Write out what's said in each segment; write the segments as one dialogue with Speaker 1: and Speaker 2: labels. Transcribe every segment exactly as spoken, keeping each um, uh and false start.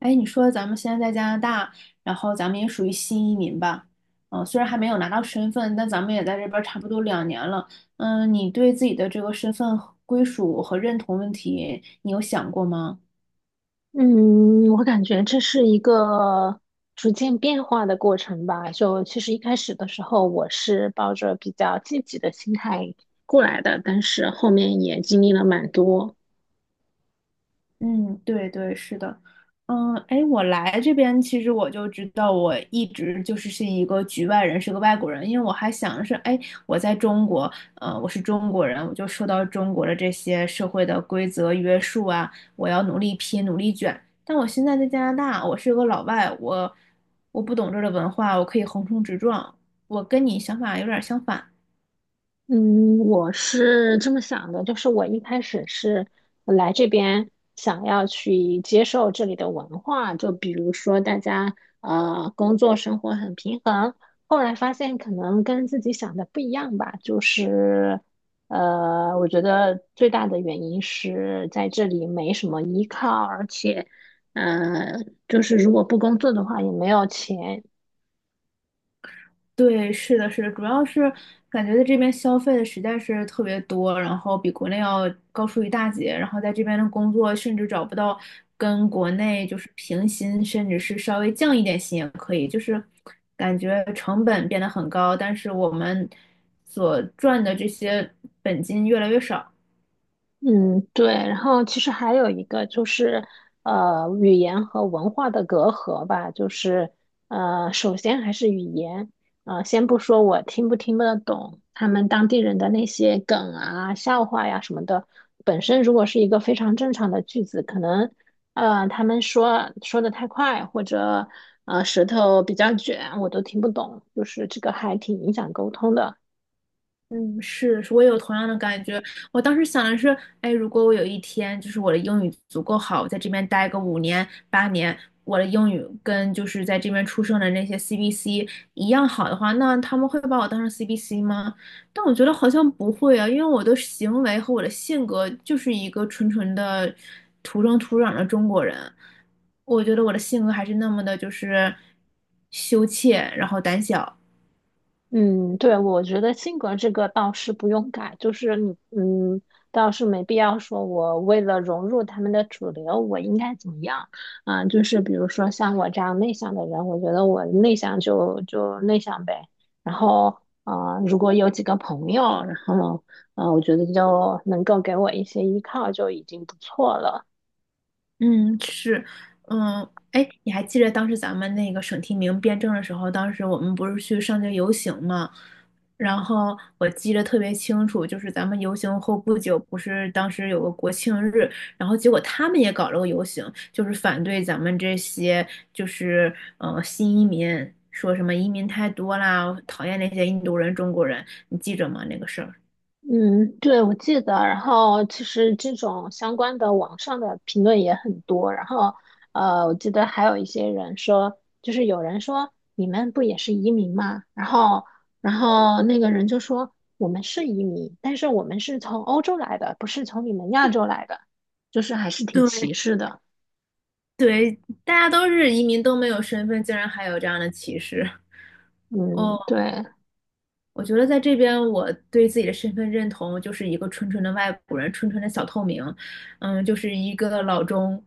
Speaker 1: 哎，你说咱们现在在加拿大，然后咱们也属于新移民吧？嗯，虽然还没有拿到身份，但咱们也在这边儿差不多两年了。嗯，你对自己的这个身份和归属和认同问题，你有想过吗？
Speaker 2: 嗯，我感觉这是一个逐渐变化的过程吧。就其实一开始的时候，我是抱着比较积极的心态过来的，但是后面也经历了蛮多。
Speaker 1: 嗯，对对，是的，嗯，哎，我来这边其实我就知道，我一直就是是一个局外人，是个外国人，因为我还想是，哎，我在中国，呃，我是中国人，我就受到中国的这些社会的规则约束啊，我要努力拼，努力卷。但我现在在加拿大，我是个老外，我我不懂这儿的文化，我可以横冲直撞，我跟你想法有点儿相反。
Speaker 2: 嗯，我是这么想的，就是我一开始是来这边想要去接受这里的文化，就比如说大家呃工作生活很平衡，后来发现可能跟自己想的不一样吧，就是呃，我觉得最大的原因是在这里没什么依靠，而且嗯就是如果不工作的话也没有钱。
Speaker 1: 对，是的，是的，主要是感觉在这边消费的实在是特别多，然后比国内要高出一大截，然后在这边的工作甚至找不到跟国内就是平薪，甚至是稍微降一点薪也可以，就是感觉成本变得很高，但是我们所赚的这些本金越来越少。
Speaker 2: 嗯，对，然后其实还有一个就是，呃，语言和文化的隔阂吧，就是，呃，首先还是语言，呃，先不说我听不听得懂他们当地人的那些梗啊、笑话呀什么的，本身如果是一个非常正常的句子，可能，呃，他们说说的太快，或者，呃，舌头比较卷，我都听不懂，就是这个还挺影响沟通的。
Speaker 1: 嗯，是，是我也有同样的感觉。我当时想的是，哎，如果我有一天就是我的英语足够好，我在这边待个五年八年，我的英语跟就是在这边出生的那些 C B C 一样好的话，那他们会把我当成 C B C 吗？但我觉得好像不会啊，因为我的行为和我的性格就是一个纯纯的土生土长的中国人。我觉得我的性格还是那么的，就是羞怯，然后胆小。
Speaker 2: 嗯，对，我觉得性格这个倒是不用改，就是你，嗯，倒是没必要说我为了融入他们的主流，我应该怎么样啊？就是比如说像我这样内向的人，我觉得我内向就就内向呗。然后，啊，如果有几个朋友，然后，啊，我觉得就能够给我一些依靠，就已经不错了。
Speaker 1: 嗯，是，嗯，哎，你还记得当时咱们那个省提名辩证的时候，当时我们不是去上街游行嘛？然后我记得特别清楚，就是咱们游行后不久，不是当时有个国庆日，然后结果他们也搞了个游行，就是反对咱们这些就是呃新移民，说什么移民太多啦，讨厌那些印度人、中国人，你记着吗？那个事儿。
Speaker 2: 嗯，对，我记得。然后其实这种相关的网上的评论也很多。然后，呃，我记得还有一些人说，就是有人说你们不也是移民吗？然后，然后那个人就说我们是移民，但是我们是从欧洲来的，不是从你们亚洲来的，就是还是挺歧视的。
Speaker 1: 对，大家都是移民，都没有身份，竟然还有这样的歧视。
Speaker 2: 嗯，
Speaker 1: 哦。
Speaker 2: 对。
Speaker 1: 我觉得在这边，我对自己的身份认同就是一个纯纯的外国人，纯纯的小透明，嗯，就是一个老中。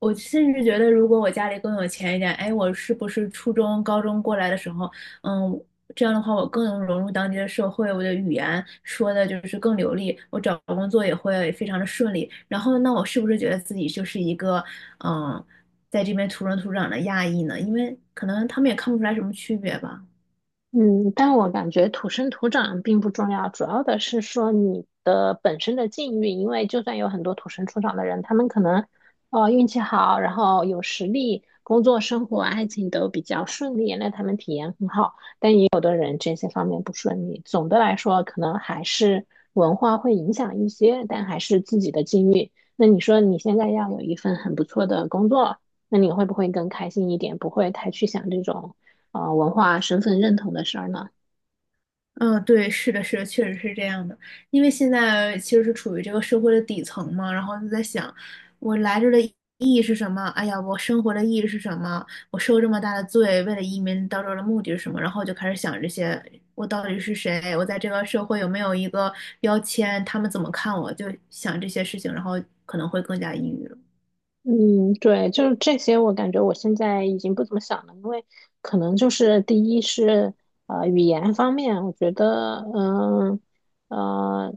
Speaker 1: 我甚至觉得，如果我家里更有钱一点，哎，我是不是初中、高中过来的时候，嗯，这样的话我更能融入当地的社会，我的语言说的就是更流利，我找工作也会非常的顺利。然后，那我是不是觉得自己就是一个，嗯，在这边土生土长的亚裔呢？因为可能他们也看不出来什么区别吧。
Speaker 2: 嗯，但我感觉土生土长并不重要，主要的是说你的本身的境遇。因为就算有很多土生土长的人，他们可能呃运气好，然后有实力，工作、生活、爱情都比较顺利，那他们体验很好。也有的人这些方面不顺利。总的来说，可能还是文化会影响一些，但还是自己的境遇。那你说你现在要有一份很不错的工作，那你会不会更开心一点？不会太去想这种啊、呃文化身份认同的事儿呢？
Speaker 1: 嗯，对，是的，是的，确实是这样的。因为现在其实是处于这个社会的底层嘛，然后就在想，我来这儿的意义是什么？哎呀，我生活的意义是什么？我受这么大的罪，为了移民到这儿的目的是什么？然后就开始想这些，我到底是谁？我在这个社会有没有一个标签？他们怎么看我？就想这些事情，然后可能会更加抑郁了。
Speaker 2: 嗯，对，就是这些，我感觉我现在已经不怎么想了，因为可能就是第一是呃语言方面，我觉得嗯呃，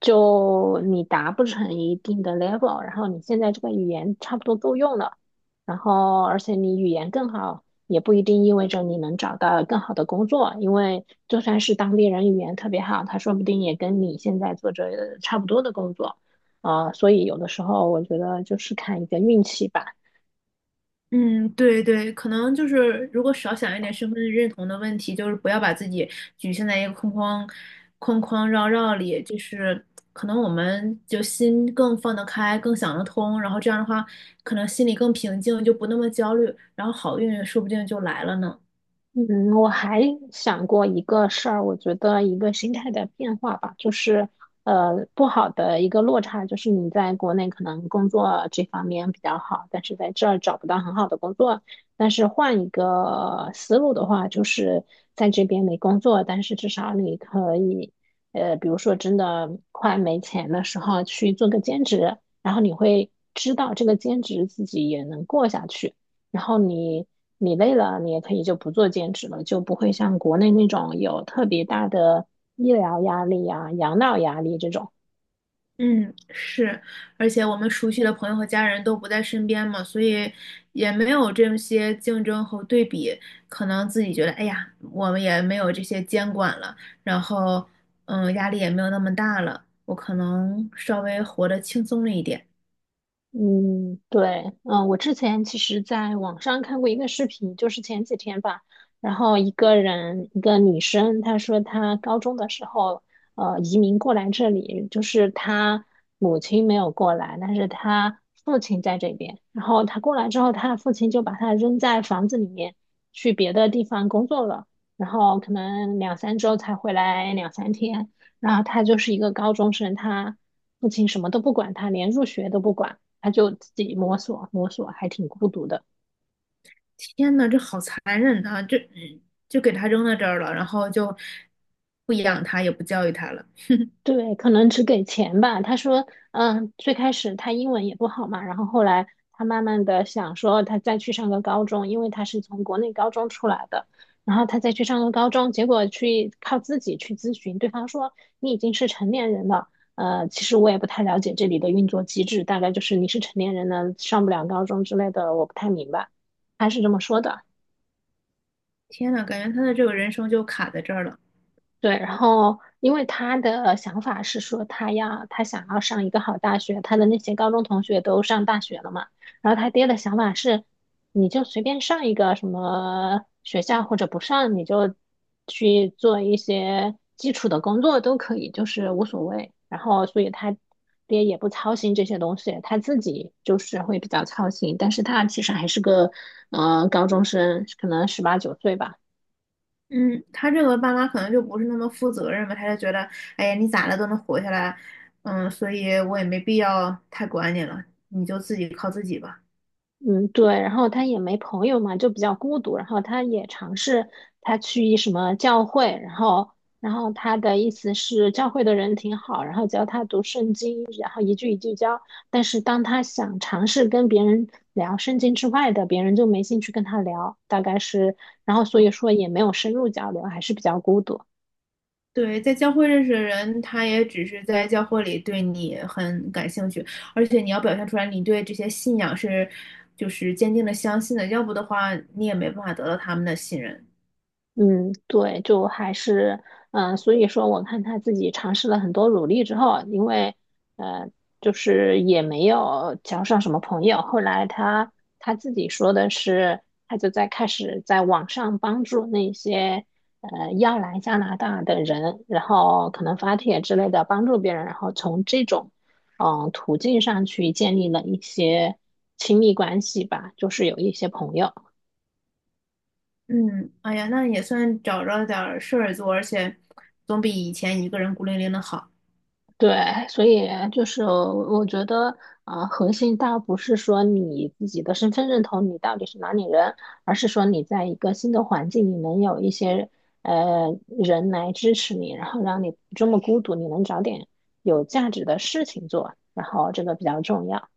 Speaker 2: 就你达不成一定的 level，然后你现在这个语言差不多够用了，然后而且你语言更好，也不一定意味着你能找到更好的工作，因为就算是当地人语言特别好，他说不定也跟你现在做着差不多的工作。啊、所以有的时候我觉得就是看一个运气吧。
Speaker 1: 嗯，对对，可能就是如果少想一点身份认同的问题，就是不要把自己局限在一个框框框框绕绕里，就是可能我们就心更放得开，更想得通，然后这样的话，可能心里更平静，就不那么焦虑，然后好运说不定就来了呢。
Speaker 2: 嗯，我还想过一个事儿，我觉得一个心态的变化吧，就是呃，不好的一个落差，就是你在国内可能工作这方面比较好，但是在这儿找不到很好的工作。但是换一个思路的话，就是在这边没工作，但是至少你可以，呃，比如说真的快没钱的时候去做个兼职，然后你会知道这个兼职自己也能过下去。然后你你累了，你也可以就不做兼职了，就不会像国内那种有特别大的医疗压力啊、养老压力这种。
Speaker 1: 嗯，是，而且我们熟悉的朋友和家人都不在身边嘛，所以也没有这些竞争和对比，可能自己觉得，哎呀，我们也没有这些监管了，然后，嗯，压力也没有那么大了，我可能稍微活得轻松了一点。
Speaker 2: 嗯，对，嗯，我之前其实在网上看过一个视频，就是前几天吧，然后一个人，一个女生，她说她高中的时候，呃，移民过来这里，就是她母亲没有过来，但是她父亲在这边，然后她过来之后，她的父亲就把她扔在房子里面，去别的地方工作了，然后可能两三周才回来两三天，然后她就是一个高中生，她父亲什么都不管她，连入学都不管。他就自己摸索摸索，还挺孤独的。
Speaker 1: 天呐，这好残忍啊！这就给他扔到这儿了，然后就不养他，也不教育他了。
Speaker 2: 对，可能只给钱吧。他说，嗯，最开始他英文也不好嘛，然后后来他慢慢的想说，他再去上个高中，因为他是从国内高中出来的，然后他再去上个高中，结果去靠自己去咨询，对方说你已经是成年人了。呃，其实我也不太了解这里的运作机制，大概就是你是成年人呢，上不了高中之类的，我不太明白。他是这么说的。
Speaker 1: 天呐，感觉他的这个人生就卡在这儿了。
Speaker 2: 对，然后因为他的想法是说，他要他想要上一个好大学，他的那些高中同学都上大学了嘛，然后他爹的想法是，你就随便上一个什么学校或者不上，你就去做一些基础的工作都可以，就是无所谓。然后所以他爹也不操心这些东西，他自己就是会比较操心，但是他其实还是个呃高中生，可能十八九岁吧。
Speaker 1: 嗯，他这个爸妈可能就不是那么负责任吧，他就觉得，哎呀，你咋了都能活下来，嗯，所以我也没必要太管你了，你就自己靠自己吧。
Speaker 2: 嗯，对，然后他也没朋友嘛，就比较孤独。然后他也尝试他去一什么教会，然后，然后他的意思是教会的人挺好，然后教他读圣经，然后一句一句教。但是当他想尝试跟别人聊圣经之外的，别人就没兴趣跟他聊，大概是，然后所以说也没有深入交流，还是比较孤独。
Speaker 1: 对，在教会认识的人，他也只是在教会里对你很感兴趣，而且你要表现出来你对这些信仰是就是坚定的相信的，要不的话你也没办法得到他们的信任。
Speaker 2: 嗯，对，就还是，嗯、所以说我看他自己尝试了很多努力之后，因为，呃，就是也没有交上什么朋友。后来他他自己说的是，他就在开始在网上帮助那些呃要来加拿大的人，然后可能发帖之类的帮助别人，然后从这种嗯、呃途径上去建立了一些亲密关系吧，就是有一些朋友。
Speaker 1: 嗯，哎呀，那也算找着点儿事儿做，而且总比以前一个人孤零零的好。
Speaker 2: 对，所以就是我觉得，啊，核心倒不是说你自己的身份认同，你到底是哪里人，而是说你在一个新的环境，你能有一些呃人来支持你，然后让你不这么孤独，你能找点有价值的事情做，然后这个比较重要。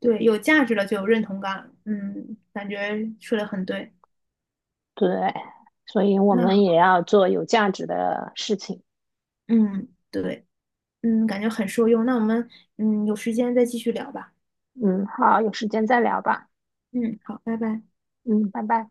Speaker 1: 对，有价值了就有认同感，嗯，感觉说的很对。
Speaker 2: 对，所以我
Speaker 1: 那，
Speaker 2: 们也要做有价值的事情。
Speaker 1: 嗯，对，嗯，感觉很受用。那我们，嗯，有时间再继续聊吧。
Speaker 2: 嗯，好，有时间再聊吧。
Speaker 1: 嗯，好，拜拜。
Speaker 2: 嗯，拜拜。